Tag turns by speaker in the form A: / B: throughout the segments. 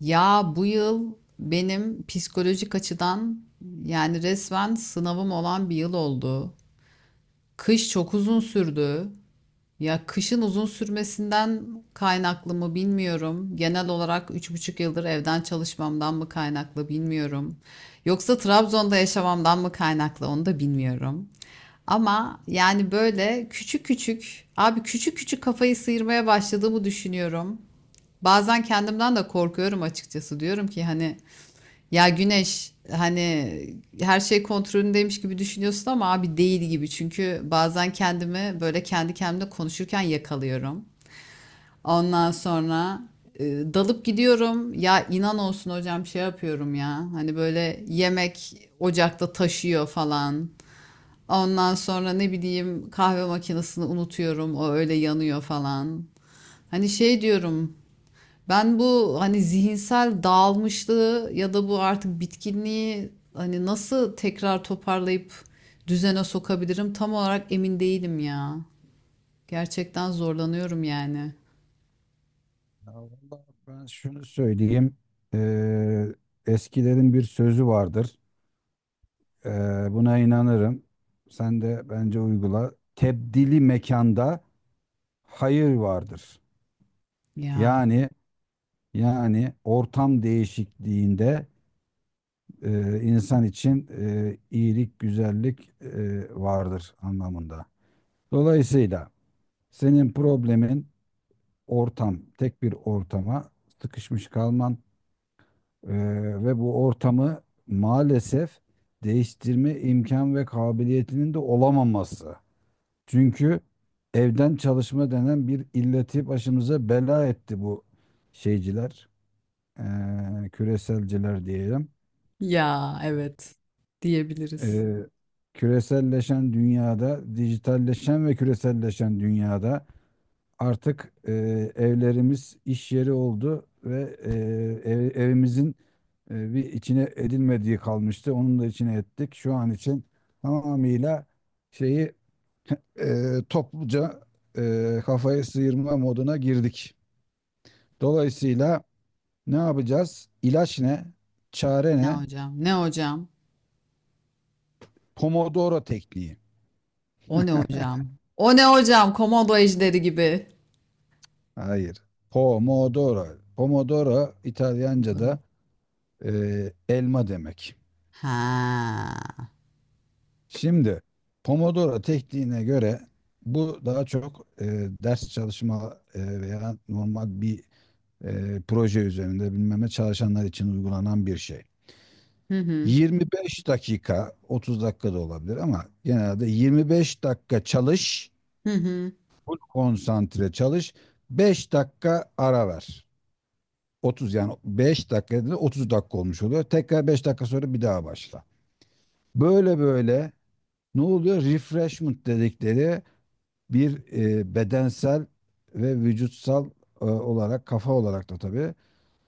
A: Ya bu yıl benim psikolojik açıdan yani resmen sınavım olan bir yıl oldu. Kış çok uzun sürdü. Ya kışın uzun sürmesinden kaynaklı mı bilmiyorum. Genel olarak 3,5 yıldır evden çalışmamdan mı kaynaklı bilmiyorum. Yoksa Trabzon'da yaşamamdan mı kaynaklı onu da bilmiyorum. Ama yani böyle küçük küçük kafayı sıyırmaya başladığımı düşünüyorum. Bazen kendimden de korkuyorum açıkçası. Diyorum ki hani ya Güneş hani her şey kontrolündeymiş gibi düşünüyorsun ama abi değil gibi. Çünkü bazen kendimi böyle kendi kendimle konuşurken yakalıyorum. Ondan sonra e, dalıp gidiyorum. Ya inan olsun hocam şey yapıyorum ya. Hani böyle yemek ocakta taşıyor falan. Ondan sonra ne bileyim kahve makinesini unutuyorum. O öyle yanıyor falan. Hani şey diyorum. Ben bu hani zihinsel dağılmışlığı ya da bu artık bitkinliği hani nasıl tekrar toparlayıp düzene sokabilirim tam olarak emin değilim ya. Gerçekten zorlanıyorum yani.
B: Ya vallahi ben şunu söyleyeyim. Eee, eskilerin bir sözü vardır. Buna inanırım. Sen de bence uygula. Tebdili mekanda hayır vardır.
A: Ya.
B: Yani yani ortam değişikliğinde insan için iyilik, güzellik vardır anlamında. Dolayısıyla senin problemin ortam, tek bir ortama sıkışmış kalman. Ve bu ortamı maalesef değiştirme imkan ve kabiliyetinin de olamaması. Çünkü evden çalışma denen bir illeti başımıza bela etti bu şeyciler, küreselciler diyelim.
A: Ya evet diyebiliriz.
B: Eee, küreselleşen dünyada, dijitalleşen ve küreselleşen dünyada. Artık evlerimiz iş yeri oldu ve evimizin bir içine edilmediği kalmıştı. Onun da içine ettik. Şu an için tamamıyla şeyi, e, topluca, kafayı sıyırma moduna girdik. Dolayısıyla ne yapacağız? İlaç ne? Çare
A: Ne
B: ne?
A: hocam? Ne hocam?
B: Pomodoro tekniği.
A: O ne hocam? O ne hocam? Komodo ejderi gibi.
B: Hayır. Pomodoro. Pomodoro
A: Komodo.
B: İtalyanca'da e, elma demek.
A: Ha.
B: Şimdi Pomodoro tekniğine göre bu daha çok ders çalışma veya normal bir proje üzerinde bilmem ne çalışanlar için uygulanan bir şey.
A: Hı hı.
B: 25 dakika, 30 dakika da olabilir ama genelde 25 dakika çalış,
A: Hı hı.
B: konsantre çalış, 5 dakika ara ver. 30, yani 5 dakika dedi, 30 dakika olmuş oluyor. Tekrar 5 dakika sonra bir daha başla. Böyle böyle ne oluyor? Refreshment dedikleri bir bedensel ve vücutsal olarak, kafa olarak da tabii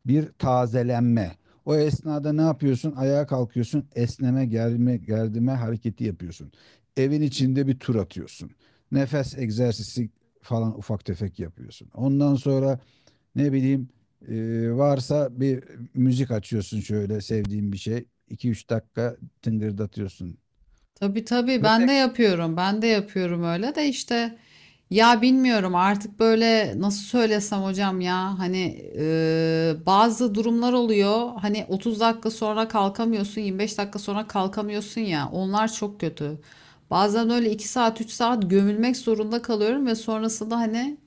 B: bir tazelenme. O esnada ne yapıyorsun? Ayağa kalkıyorsun, esneme, germe, gerdime hareketi yapıyorsun. Evin içinde bir tur atıyorsun. Nefes egzersizi falan ufak tefek yapıyorsun. Ondan sonra ne bileyim, varsa bir müzik açıyorsun, şöyle sevdiğin bir şey. İki üç dakika tıngırdatıyorsun.
A: Tabii tabii
B: Ve
A: ben
B: tek
A: de yapıyorum. Ben de yapıyorum öyle de işte ya bilmiyorum artık böyle nasıl söylesem hocam ya hani bazı durumlar oluyor. Hani 30 dakika sonra kalkamıyorsun, 25 dakika sonra kalkamıyorsun ya. Onlar çok kötü. Bazen öyle 2 saat, 3 saat gömülmek zorunda kalıyorum ve sonrasında hani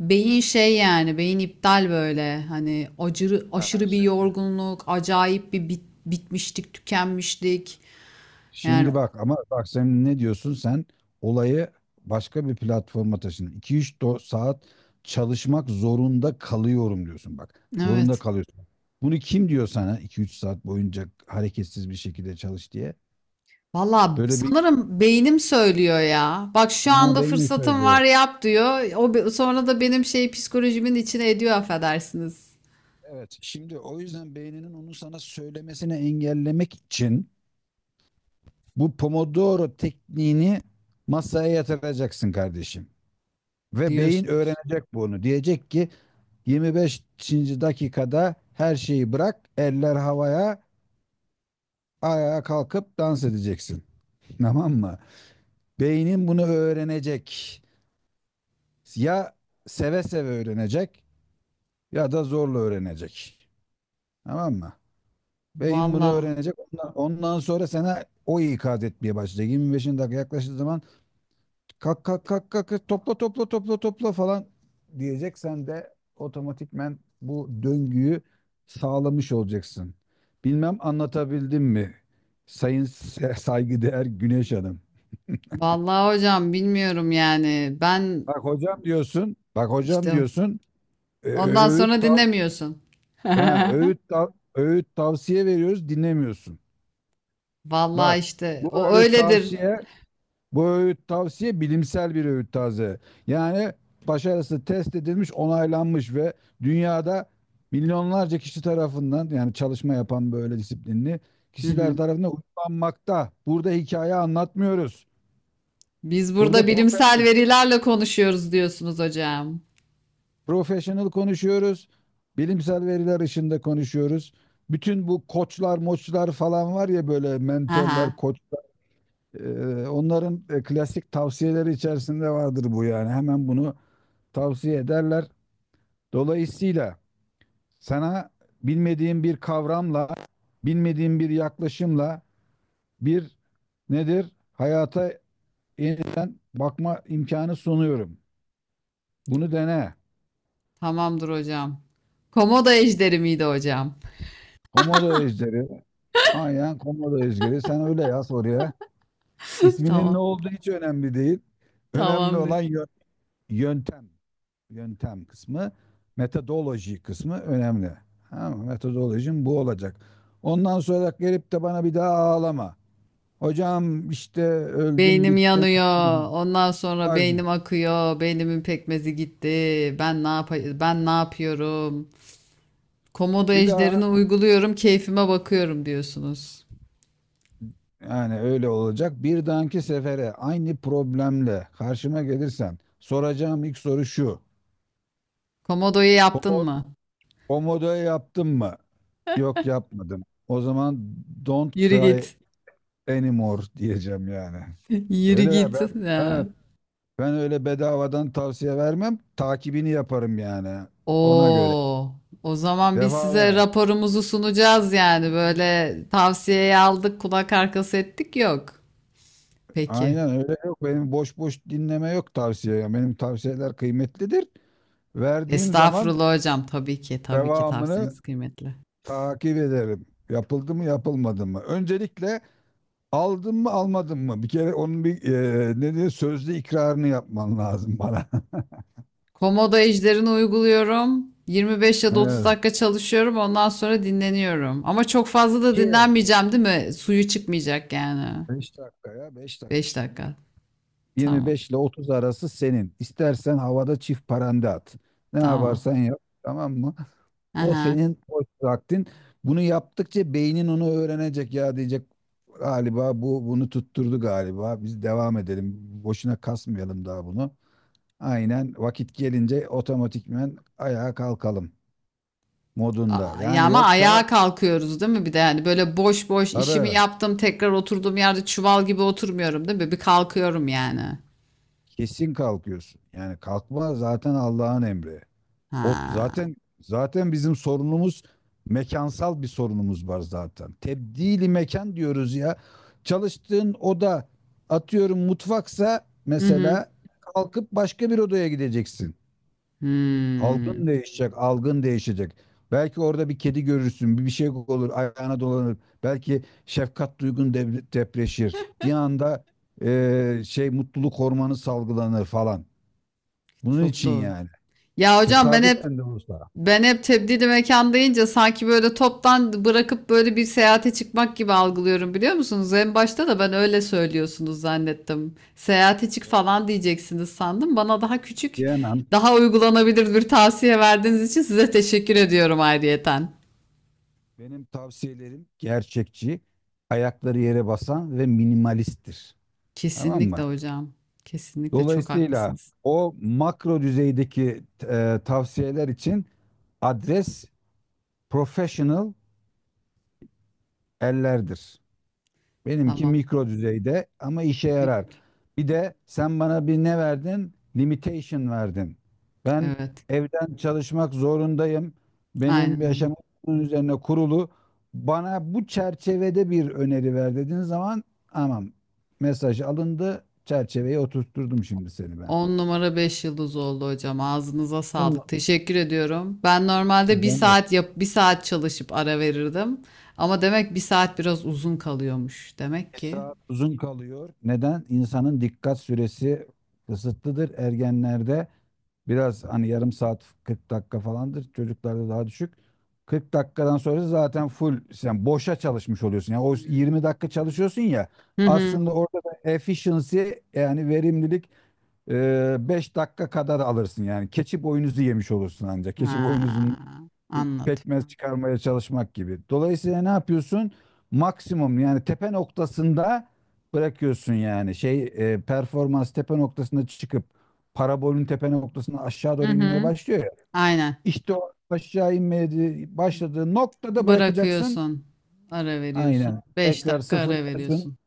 A: beyin şey yani beyin iptal böyle hani aşırı bir yorgunluk acayip bir bitmişlik tükenmişlik yani
B: Şimdi bak, ama bak, sen ne diyorsun sen? Olayı başka bir platforma taşın. İki üç saat çalışmak zorunda kalıyorum diyorsun bak. Zorunda
A: evet.
B: kalıyorsun. Bunu kim diyor sana iki üç saat boyunca hareketsiz bir şekilde çalış diye?
A: Valla
B: Böyle bir
A: sanırım beynim söylüyor ya. Bak şu
B: ha,
A: anda
B: beyni
A: fırsatım var
B: söylüyor.
A: yap diyor. O sonra da benim şey psikolojimin içine ediyor affedersiniz
B: Evet, şimdi o yüzden beyninin onu sana söylemesini engellemek için bu Pomodoro tekniğini masaya yatıracaksın kardeşim. Ve beyin
A: diyorsunuz.
B: öğrenecek bunu. Diyecek ki 25. dakikada her şeyi bırak, eller havaya, ayağa kalkıp dans edeceksin. Tamam mı? Beynin bunu öğrenecek. Ya seve seve öğrenecek ya da zorla öğrenecek. Tamam mı? Beyin bunu
A: Valla.
B: öğrenecek. Ondan sonra sana o ikaz etmeye başlayacak. 25. dakika yaklaştığı zaman kalk kalk kalk kalk, topla topla topla topla falan diyecek. Sen de otomatikmen bu döngüyü sağlamış olacaksın. Bilmem anlatabildim mi? Saygıdeğer Güneş Hanım.
A: Valla hocam bilmiyorum yani. Ben
B: Bak hocam diyorsun, bak hocam
A: işte
B: diyorsun, e,
A: ondan
B: öğüt
A: sonra
B: tav
A: dinlemiyorsun.
B: ha, öğüt tavsiye veriyoruz, dinlemiyorsun.
A: Valla
B: Bak,
A: işte
B: bu
A: o
B: öğüt
A: öyledir.
B: tavsiye Bu öğüt tavsiye bilimsel bir öğüt taze. Yani başarısı test edilmiş, onaylanmış ve dünyada milyonlarca kişi tarafından, yani çalışma yapan böyle disiplinli
A: Hı
B: kişiler
A: hı.
B: tarafından uygulanmakta. Burada hikaye anlatmıyoruz.
A: Biz
B: Burada
A: burada bilimsel verilerle konuşuyoruz diyorsunuz hocam.
B: professional konuşuyoruz. Bilimsel veriler ışığında konuşuyoruz. Bütün bu koçlar, moçlar falan var ya, böyle mentörler,
A: Aha,
B: koçlar. Onların klasik tavsiyeleri içerisinde vardır bu yani. Hemen bunu tavsiye ederler. Dolayısıyla sana bilmediğin bir kavramla, bilmediğin bir yaklaşımla, bir nedir, hayata yeniden bakma imkanı sunuyorum. Bunu dene.
A: tamamdır hocam. Komodo ejderi miydi hocam?
B: Komodo ejderi. Aynen komodo ejderi. Sen öyle yaz oraya. İsminin ne
A: Tamam.
B: olduğu hiç önemli değil. Önemli
A: Tamamdır.
B: olan yöntem. Yöntem kısmı. Metodoloji kısmı önemli. Ama metodolojim bu olacak. Ondan sonra gelip de bana bir daha ağlama. Hocam işte öldüm
A: Beynim
B: bittim.
A: yanıyor. Ondan sonra
B: Bak şimdi,
A: beynim akıyor. Beynimin pekmezi gitti. Ben ne yapıyorum? Komodo
B: bir daha
A: ejderini uyguluyorum. Keyfime bakıyorum diyorsunuz.
B: yani öyle olacak. Bir dahaki sefere aynı problemle karşıma gelirsen soracağım ilk soru şu.
A: Komodo'yu yaptın
B: Komo,
A: mı?
B: komodo yaptın mı? Yok, yapmadım. O zaman don't
A: Yürü
B: cry
A: git.
B: anymore diyeceğim yani.
A: Yürü
B: Öyle ya,
A: git. Ya.
B: ben, ben öyle bedavadan tavsiye vermem. Takibini yaparım yani, ona göre.
A: Oo. O zaman biz size
B: Defalar.
A: raporumuzu sunacağız yani. Böyle tavsiyeyi aldık, kulak arkası ettik yok. Peki.
B: Aynen öyle, yok. Benim boş boş dinleme yok tavsiye, ya. Benim tavsiyeler kıymetlidir. Verdiğim zaman
A: Estağfurullah hocam. Tabii ki, tabii ki
B: devamını
A: tavsiyeniz kıymetli.
B: takip ederim. Yapıldı mı yapılmadı mı? Öncelikle aldın mı almadın mı? Bir kere onun bir, ne diyor, sözlü ikrarını yapman lazım bana.
A: Komodo ejderini uyguluyorum. 25 ya da 30
B: Evet.
A: dakika çalışıyorum. Ondan sonra dinleniyorum. Ama çok fazla da dinlenmeyeceğim, değil mi? Suyu çıkmayacak yani.
B: 5 dakikaya, 5 dakika
A: 5
B: işte dedik.
A: dakika.
B: yirmi
A: Tamam.
B: beş ile 30 arası senin. İstersen havada çift paranda at. Ne
A: Tamam.
B: yaparsan yap, tamam mı? O
A: Aha.
B: senin boş vaktin. Bunu yaptıkça beynin onu öğrenecek, ya diyecek galiba bu, bunu tutturdu galiba. Biz devam edelim. Boşuna kasmayalım daha bunu. Aynen vakit gelince otomatikmen ayağa kalkalım modunda.
A: Aa, ya
B: Yani
A: ama
B: yoksa,
A: ayağa kalkıyoruz değil mi? Bir de yani böyle boş boş işimi
B: tabii
A: yaptım tekrar oturduğum yerde çuval gibi oturmuyorum değil mi? Bir kalkıyorum yani.
B: kesin kalkıyorsun. Yani kalkma zaten Allah'ın emri. O
A: Ha.
B: zaten bizim sorunumuz, mekansal bir sorunumuz var zaten. Tebdili mekan diyoruz ya. Çalıştığın oda, atıyorum mutfaksa
A: Hı hı.
B: mesela, kalkıp başka bir odaya gideceksin.
A: Hmm.
B: Algın değişecek, algın değişecek. Belki orada bir kedi görürsün, bir şey olur, ayağına dolanır. Belki şefkat duygun depreşir. Bir anda şey, mutluluk hormonu salgılanır falan. Bunun
A: Çok
B: için
A: doğru.
B: yani.
A: Ya hocam ben hep
B: Tesadüfen de olsa.
A: Ben hep tebdili mekan deyince sanki böyle toptan bırakıp böyle bir seyahate çıkmak gibi algılıyorum biliyor musunuz? En başta da ben öyle söylüyorsunuz zannettim. Seyahate çık
B: Ya,
A: falan diyeceksiniz sandım. Bana daha küçük,
B: diyemem.
A: daha uygulanabilir bir tavsiye verdiğiniz için size teşekkür ediyorum ayrıyeten.
B: Benim tavsiyelerim gerçekçi, ayakları yere basan ve minimalisttir. Tamam mı?
A: Kesinlikle hocam. Kesinlikle çok
B: Dolayısıyla
A: haklısınız.
B: o makro düzeydeki tavsiyeler için adres professional ellerdir. Benimki
A: Tamam.
B: mikro düzeyde ama işe yarar.
A: Günlük.
B: Bir de sen bana bir ne verdin? Limitation verdin. Ben
A: Evet.
B: evden çalışmak zorundayım.
A: Aynen
B: Benim
A: öyle.
B: yaşamım bunun üzerine kurulu. Bana bu çerçevede bir öneri ver dediğin zaman, tamam, mesaj alındı. Çerçeveye oturtturdum şimdi seni ben.
A: 10 numara 5 yıldız oldu hocam. Ağzınıza
B: Bununla,
A: sağlık. Teşekkür ediyorum. Ben normalde bir
B: Neden?
A: saat yap, 1 saat çalışıp ara verirdim. Ama demek 1 saat biraz uzun kalıyormuş. Demek
B: Bir
A: ki.
B: saat uzun kalıyor. Neden? İnsanın dikkat süresi kısıtlıdır ergenlerde. Biraz hani yarım saat, 40 dakika falandır. Çocuklarda daha düşük. 40 dakikadan sonra zaten full sen boşa çalışmış oluyorsun. Yani o
A: Hmm.
B: 20 dakika çalışıyorsun ya,
A: Hı hı.
B: aslında orada da efficiency, yani verimlilik, 5 dakika kadar alırsın yani. Keçi boynuzu yemiş olursun ancak. Keçi boynuzundan
A: Ha, anladım.
B: pekmez çıkarmaya çalışmak gibi. Dolayısıyla ne yapıyorsun? Maksimum, yani tepe noktasında bırakıyorsun yani. Performans tepe noktasında çıkıp parabolün tepe noktasına aşağı
A: Hı
B: doğru inmeye
A: hı.
B: başlıyor ya.
A: Aynen.
B: İşte o aşağı inmeye başladığı noktada bırakacaksın.
A: Bırakıyorsun. Ara veriyorsun.
B: Aynen.
A: beş
B: Tekrar
A: dakika ara
B: sıfırlıyorsun.
A: veriyorsun.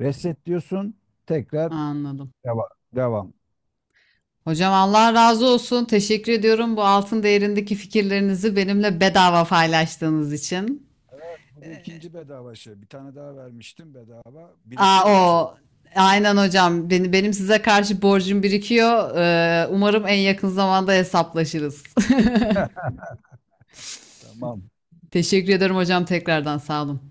B: Reset diyorsun. Tekrar
A: Anladım.
B: devam. Devam.
A: Hocam Allah razı olsun. Teşekkür ediyorum bu altın değerindeki fikirlerinizi benimle bedava paylaştığınız için.
B: Bu da ikinci bedava şey. Bir tane daha vermiştim bedava.
A: Aa,
B: Birikiyor şey.
A: o. Aynen hocam. Benim size karşı borcum birikiyor. Umarım en yakın zamanda hesaplaşırız.
B: Heh, tamam.
A: Teşekkür ederim hocam tekrardan sağ olun.